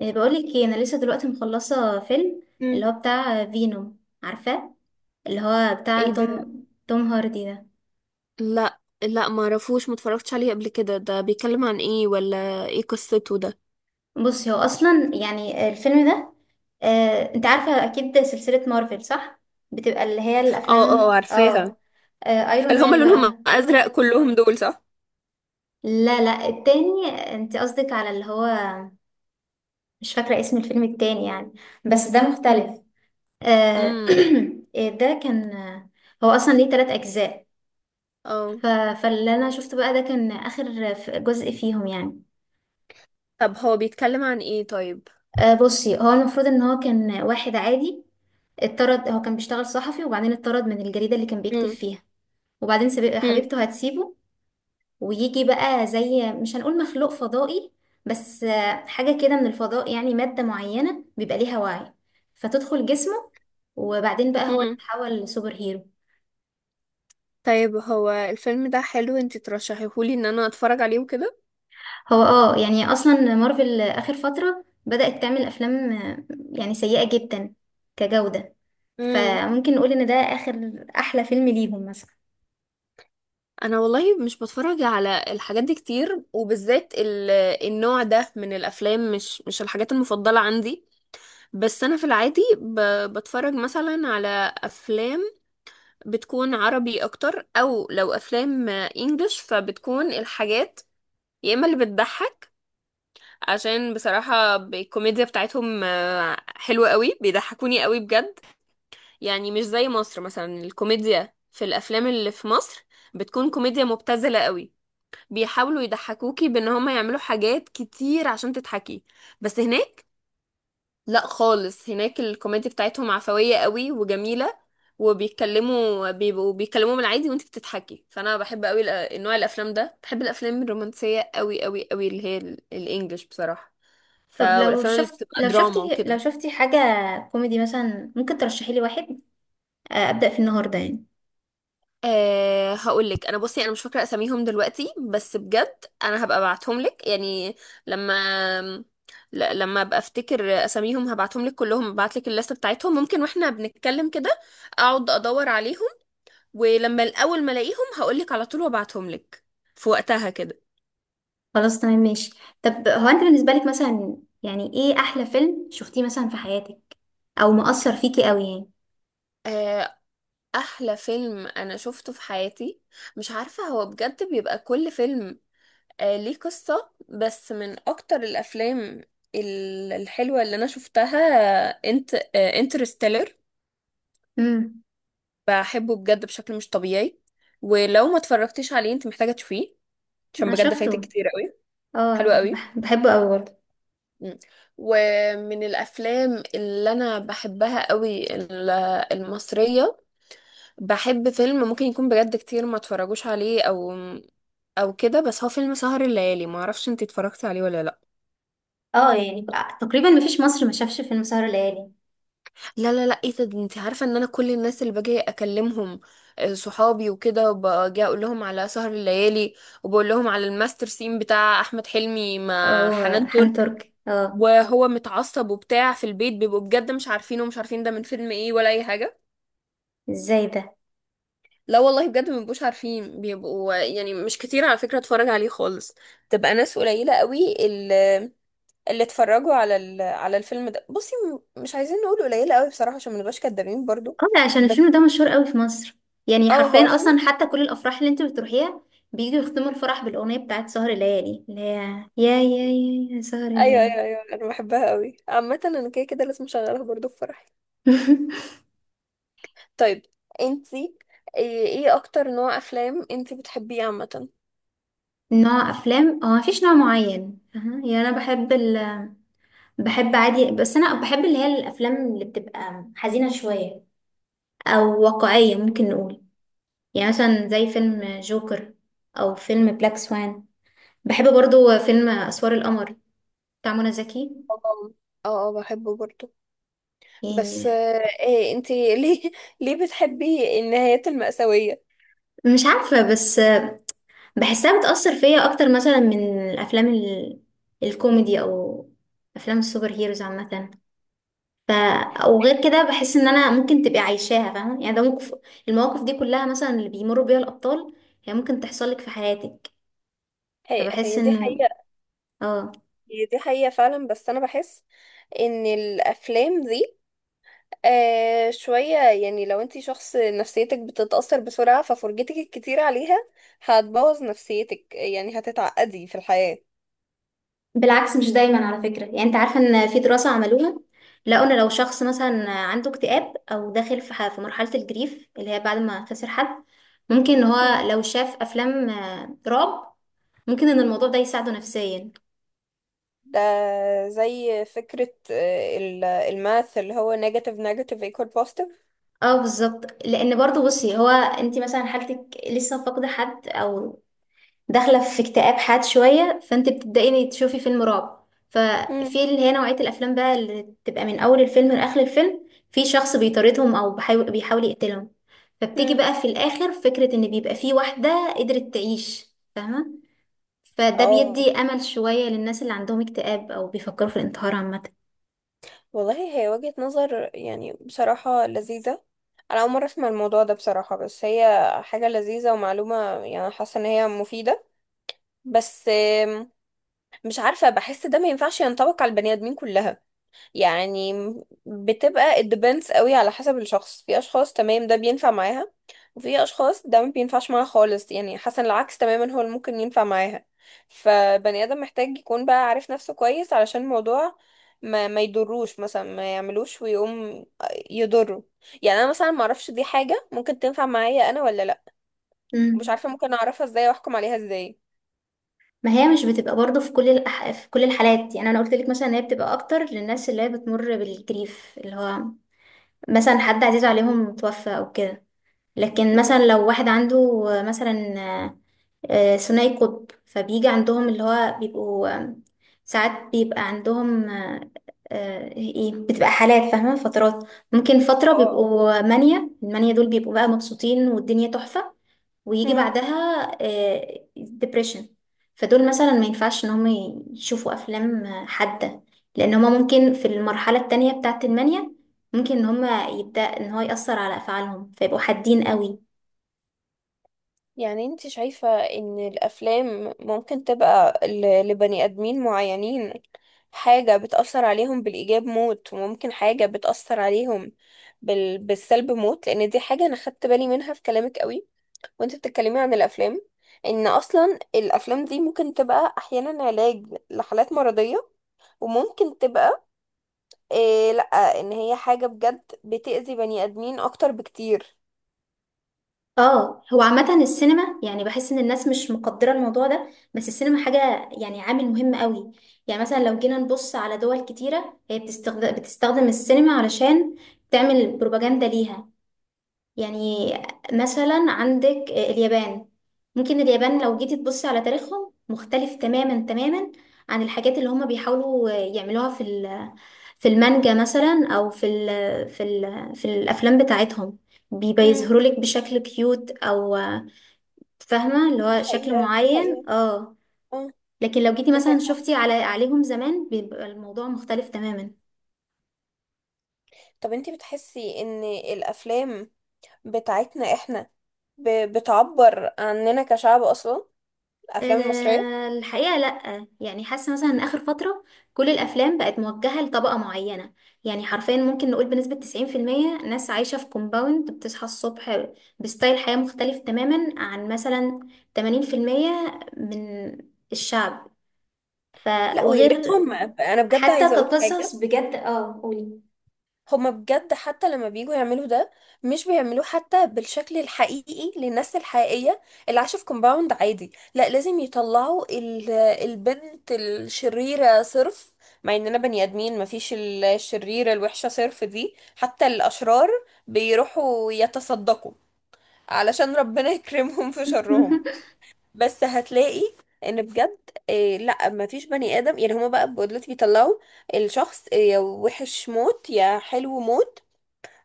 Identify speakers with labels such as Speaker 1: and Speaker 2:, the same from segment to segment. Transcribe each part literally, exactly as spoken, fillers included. Speaker 1: إيه، بقولك ايه انا لسه دلوقتي مخلصه فيلم
Speaker 2: مم.
Speaker 1: اللي هو بتاع فينوم عارفاه اللي هو بتاع
Speaker 2: ايه ده؟
Speaker 1: توم توم هاردي ده.
Speaker 2: لا لا ما اعرفوش، ما اتفرجتش عليه قبل كده. ده بيتكلم عن ايه؟ ولا ايه قصته ده؟
Speaker 1: بصي هو اصلا يعني الفيلم ده، آه، انت عارفه اكيد سلسله مارفل صح؟ بتبقى اللي هي
Speaker 2: اه اه،
Speaker 1: الافلام
Speaker 2: عارفاها.
Speaker 1: اه، آه، ايرون
Speaker 2: اللي هما
Speaker 1: مان
Speaker 2: لونهم
Speaker 1: بقى.
Speaker 2: ازرق كلهم دول صح؟
Speaker 1: لا لا التاني. انت قصدك على اللي هو، مش فاكره اسم الفيلم التاني يعني، بس ده مختلف. آه،
Speaker 2: امم،
Speaker 1: ده كان، هو اصلا ليه تلات اجزاء.
Speaker 2: اه.
Speaker 1: ف... فاللي انا شفته بقى ده كان اخر ف- جزء فيهم يعني.
Speaker 2: طب هو بيتكلم عن ايه طيب؟
Speaker 1: آه بصي هو المفروض ان هو كان واحد عادي، اتطرد. هو كان بيشتغل صحفي وبعدين اتطرد من الجريدة اللي كان بيكتب
Speaker 2: مم.
Speaker 1: فيها. وبعدين سب-
Speaker 2: مم.
Speaker 1: حبيبته هتسيبه، ويجي بقى زي مش هنقول مخلوق فضائي، بس آه حاجة كده من الفضاء، يعني مادة معينة بيبقى ليها وعي فتدخل جسمه، وبعدين بقى هو
Speaker 2: امم.
Speaker 1: يتحول لسوبر هيرو.
Speaker 2: طيب هو الفيلم ده حلو؟ انت ترشحيهولي ان انا اتفرج عليه وكده؟
Speaker 1: هو اه يعني اصلا مارفل اخر فترة بدأت تعمل افلام آه، يعني سيئة جدا كجودة،
Speaker 2: مم.
Speaker 1: فممكن نقول ان ده اخر احلى فيلم ليهم مثلا.
Speaker 2: انا والله مش بتفرج على الحاجات دي كتير، وبالذات ال- النوع ده من الافلام. مش مش الحاجات المفضلة عندي. بس انا في العادي ب... بتفرج مثلا على افلام بتكون عربي اكتر، او لو افلام انجلش فبتكون الحاجات يا اما اللي بتضحك، عشان بصراحة الكوميديا بتاعتهم آه، حلوة قوي، بيضحكوني قوي بجد. يعني مش زي مصر مثلا، الكوميديا في الافلام اللي في مصر بتكون كوميديا مبتذلة قوي، بيحاولوا يضحكوكي بان هما يعملوا حاجات كتير عشان تضحكي. بس هناك لا خالص، هناك الكوميديا بتاعتهم عفوية قوي وجميلة، وبيتكلموا، بيبقوا بيتكلموا بالعادي وانت بتضحكي. فانا بحب قوي الأ- نوع الافلام ده، بحب الافلام الرومانسية قوي قوي قوي، اللي هي ال- الانجليش بصراحة. ف
Speaker 1: طب لو
Speaker 2: والافلام اللي
Speaker 1: شفت،
Speaker 2: بتبقى
Speaker 1: لو شفتي
Speaker 2: دراما
Speaker 1: لو
Speaker 2: وكده.
Speaker 1: شفتي حاجة كوميدي مثلا ممكن ترشحي لي واحد، آه، أبدأ في النهاردة يعني.
Speaker 2: أه هقول لك. انا بصي انا مش فاكره اساميهم دلوقتي، بس بجد انا هبقى ابعتهم لك يعني لما ل- لما ابقى افتكر اساميهم هبعتهم لك كلهم، هبعت لك الليست بتاعتهم. ممكن واحنا بنتكلم كده اقعد ادور عليهم، ولما الاول ما الاقيهم هقولك على طول وابعتهم لك في وقتها كده.
Speaker 1: خلاص تمام ماشي. طب هو انت بالنسبة لك مثلا، يعني ايه احلى فيلم شفتيه مثلا في حياتك او مؤثر فيكي قوي يعني؟
Speaker 2: آه، احلى فيلم انا شفته في حياتي؟ مش عارفة، هو بجد بيبقى كل فيلم آه، ليه قصة. بس من اكتر الافلام ال- الحلوة اللي انا شفتها، انت انترستيلر.
Speaker 1: امم.
Speaker 2: بحبه بجد بشكل مش طبيعي، ولو ما اتفرجتيش عليه انت محتاجة تشوفيه، عشان
Speaker 1: انا
Speaker 2: بجد فايتك
Speaker 1: شفته.
Speaker 2: كتير قوي. حلو
Speaker 1: اه،
Speaker 2: قوي.
Speaker 1: بح- بحبه قوي برضه.
Speaker 2: مم. ومن الافلام اللي انا بحبها قوي ال- المصريه، بحب فيلم ممكن يكون بجد كتير ما اتفرجوش عليه، او او كده، بس هو فيلم سهر الليالي. ما اعرفش انت اتفرجتي عليه ولا لا.
Speaker 1: اه يعني تقريبا مفيش مصر ما شافش فيلم سهر ليالي.
Speaker 2: لا لا لا، ايه ده؟ ده انت عارفه ان انا كل الناس اللي باجي اكلمهم، آه، صحابي وكده، باجي اقول لهم على سهر الليالي، وبقول لهم على الماستر سين بتاع احمد حلمي مع
Speaker 1: او
Speaker 2: حنان
Speaker 1: حان
Speaker 2: ترك،
Speaker 1: ترك اه.
Speaker 2: وهو متعصب وبتاع في البيت، بيبقوا بجد مش عارفين، ومش عارفين ده من فيلم ايه ولا اي حاجه.
Speaker 1: ازاي ده؟
Speaker 2: لا والله بجد مبيبقوش عارفين، بيبقوا يعني مش كتير على فكرة اتفرج عليه خالص. تبقى ناس قليلة قوي اللي, اللي اتفرجوا على ال... على الفيلم ده. بصي، م- مش عايزين نقول قليلة قوي بصراحة عشان ما نبقاش كدابين برضو،
Speaker 1: اه لا، عشان
Speaker 2: بس
Speaker 1: الفيلم ده مشهور قوي في مصر. يعني
Speaker 2: اه هو
Speaker 1: حرفيا
Speaker 2: الفيلم.
Speaker 1: اصلا حتى كل الافراح اللي انت بتروحيها بييجوا يختموا الفرح بالاغنيه بتاعت سهر ليالي اللي هي، يا يا يا يا سهر
Speaker 2: ايوه
Speaker 1: ليالي.
Speaker 2: ايوه ايوه، انا بحبها قوي عامة، انا كده كده لازم اشغلها برضو في فرحي. طيب انتي، ايه إيه اكتر نوع افلام انتي بتحبيه عامة؟
Speaker 1: نوع افلام؟ هو مفيش نوع معين فاهمة؟ يعني انا بحب ال... بحب عادي. بس انا بحب اللي هي الافلام اللي بتبقى حزينه شويه او واقعيه ممكن نقول، يعني مثلا زي فيلم جوكر او فيلم بلاك سوان. بحب برضو فيلم اسوار القمر بتاع منى زكي
Speaker 2: اه اه، اه، بحبه برضو. بس
Speaker 1: يعني.
Speaker 2: آه، إيه انتي ليه ليه بتحبي النهايات المأساوية؟
Speaker 1: مش عارفه بس بحسها بتاثر فيا اكتر مثلا من الافلام ال... الكوميدي او افلام السوبر هيروز عامه. ف... او غير كده بحس ان انا ممكن تبقي عايشاها، فاهمه يعني، ده موقف. المواقف دي كلها مثلا اللي بيمروا بيها الابطال، هي ممكن تحصل لك في حياتك.
Speaker 2: هي
Speaker 1: فبحس
Speaker 2: هي دي
Speaker 1: انه
Speaker 2: حقيقة.
Speaker 1: اه.
Speaker 2: هي دي حقيقة فعلا، بس أنا بحس إن الأفلام دي آه شوية، يعني لو أنتي شخص نفسيتك بتتأثر بسرعة ففرجتك الكتير عليها هتبوظ نفسيتك، يعني هتتعقدي في الحياة.
Speaker 1: بالعكس مش دايما على فكرة. يعني انت عارفة ان في دراسة عملوها لقوا ان لو شخص مثلا عنده اكتئاب او داخل في ح- في مرحلة الجريف اللي هي بعد ما خسر حد، ممكن ان
Speaker 2: مم.
Speaker 1: هو لو شاف افلام آه، رعب ممكن ان الموضوع ده يساعده نفسيا.
Speaker 2: ده زي فكرة آه، ال- الماث اللي هو negative negative equal positive.
Speaker 1: اه بالظبط، لان برضو بصي هو انت مثلا حالتك لسه فاقدة حد او داخله في اكتئاب حاد شويه فانت بتبداي تشوفي فيلم رعب،
Speaker 2: مم.
Speaker 1: ففي اللي هي نوعيه الافلام بقى اللي تبقى من اول الفيلم لاخر الفيلم في شخص بيطاردهم او بيحاول بيحاول يقتلهم، فبتيجي
Speaker 2: مم.
Speaker 1: بقى في الاخر فكره ان بيبقى في واحده قدرت تعيش، فاهمه. فده
Speaker 2: اه،
Speaker 1: بيدي امل شويه للناس اللي عندهم اكتئاب او بيفكروا في الانتحار عامه.
Speaker 2: والله هي وجهة نظر يعني بصراحة لذيذة. أنا أول مرة أسمع الموضوع ده بصراحة، بس هي حاجة لذيذة ومعلومة، يعني حاسة إن هي مفيدة. بس آم، مش عارفة، بحس ده ما ينفعش ينطبق على البني آدمين كلها. يعني بتبقى it depends قوي على حسب الشخص. في اشخاص تمام ده بينفع معاها، وفي اشخاص ده ما بينفعش معاها خالص، يعني حسن العكس تماما هو اللي ممكن ينفع معاها. فبني ادم محتاج يكون بقى عارف نفسه كويس علشان الموضوع ما ما يضروش، مثلا ما يعملوش ويقوم يضره. يعني انا مثلا ما اعرفش دي حاجة ممكن تنفع معايا انا ولا لا. مش
Speaker 1: امم.
Speaker 2: عارفة ممكن اعرفها ازاي واحكم عليها ازاي.
Speaker 1: ما هي مش بتبقى برضه في كل الأح... في كل الحالات. يعني انا قلت لك مثلا ان هي بتبقى اكتر للناس اللي هي بتمر بالجريف اللي هو مثلا حد عزيز عليهم توفى او كده. لكن
Speaker 2: مم.
Speaker 1: مثلا لو واحد عنده مثلا، آه، ثنائي قطب فبيجي عندهم اللي هو بيبقوا آم، ساعات بيبقى عندهم آه، آه، ايه بتبقى حالات فاهمة، فترات ممكن فترة بيبقوا مانيا، المانيا دول بيبقوا بقى مبسوطين والدنيا تحفة، ويجي
Speaker 2: اه.
Speaker 1: بعدها ديبريشن. فدول مثلا ما ينفعش ان هم يشوفوا افلام آه، حادة، لان هما ممكن في المرحلة التانية بتاعة المانيا ممكن ان هما يبدأ ان هو يأثر على افعالهم فيبقوا حادين قوي.
Speaker 2: يعني انت شايفة ان الافلام ممكن تبقى ل- لبني ادمين معينين حاجة بتأثر عليهم بالإيجاب موت، وممكن حاجة بتأثر عليهم بال... بالسلب موت؟ لأن دي حاجة أنا خدت بالي منها في كلامك قوي، وانت بتتكلمي عن الأفلام، إن أصلا الأفلام دي ممكن تبقى أحيانا علاج لحالات مرضية، وممكن تبقى إيه، لأ، إن هي حاجة بجد بتأذي بني آدمين أكتر بكتير.
Speaker 1: اه هو عامة السينما يعني بحس ان الناس مش مقدرة الموضوع ده، بس السينما حاجة يعني عامل مهم قوي. يعني مثلا لو جينا نبص على دول كتيرة هي بتستخدم, بتستخدم السينما علشان تعمل بروباجندا ليها. يعني مثلا عندك اليابان، ممكن اليابان لو
Speaker 2: اه.
Speaker 1: جيتي تبصي على تاريخهم مختلف تماما تماما عن الحاجات اللي هما بيحاولوا يعملوها في ال- في المانجا مثلا او في ال في ال في الافلام بتاعتهم، بيبقى
Speaker 2: مم.
Speaker 1: يظهروا لك بشكل كيوت او، فاهمة اللي
Speaker 2: دي
Speaker 1: هو شكل
Speaker 2: حقيقة، دي
Speaker 1: معين
Speaker 2: حقيقة.
Speaker 1: اه.
Speaker 2: اه،
Speaker 1: لكن لو جيتي
Speaker 2: دي
Speaker 1: مثلا
Speaker 2: حقيقة.
Speaker 1: شفتي على عليهم زمان بيبقى الموضوع مختلف تماما.
Speaker 2: طب انتي بتحسي ان الافلام بتاعتنا احنا ب- بتعبر عننا كشعب اصلا، الافلام المصريه؟
Speaker 1: أه الحقيقة لأ، يعني حاسة مثلا إن آخر فترة كل الأفلام بقت موجهة لطبقة معينة. يعني حرفيا ممكن نقول بنسبة تسعين في المية ناس عايشة في كومباوند بتصحى الصبح بستايل حياة مختلف تماما عن مثلا تمانين في المية من الشعب. ف
Speaker 2: لا، ويا
Speaker 1: وغير،
Speaker 2: ريتهم. انا بجد
Speaker 1: حتى
Speaker 2: عايزه اقول حاجه.
Speaker 1: كقصص بجد اه قولي.
Speaker 2: هما بجد حتى لما بييجوا يعملوا ده مش بيعملوه حتى بالشكل الحقيقي للناس الحقيقيه اللي عايشه في كومباوند عادي. لا، لازم يطلعوا ال- البنت الشريره صرف، مع اننا بني ادمين مفيش الشريره الوحشه صرف دي. حتى الاشرار بيروحوا يتصدقوا علشان ربنا يكرمهم في شرهم. بس هتلاقي ان بجد إيه، لا ما فيش بني ادم. يعني هما بقى دلوقتي بيطلعوا الشخص آه، يا وحش موت يا حلو موت،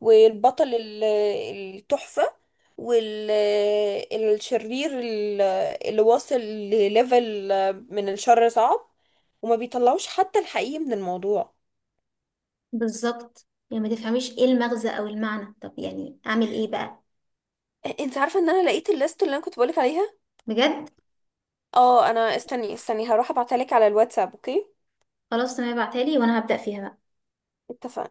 Speaker 2: والبطل ال- التحفة، والشرير اللي واصل لليفل من الشر صعب، وما بيطلعوش حتى الحقيقي من الموضوع.
Speaker 1: بالظبط، يعني ما تفهميش ايه المغزى او المعنى. طب يعني اعمل ايه بقى؟
Speaker 2: انت عارفة ان انا لقيت الليست اللي انا كنت بقولك عليها؟
Speaker 1: بجد؟
Speaker 2: اه انا، استني استني هروح ابعتها لك على الواتساب، اوكي؟
Speaker 1: خلاص تمام ابعتها لي وانا هبدأ فيها بقى.
Speaker 2: اتفقنا.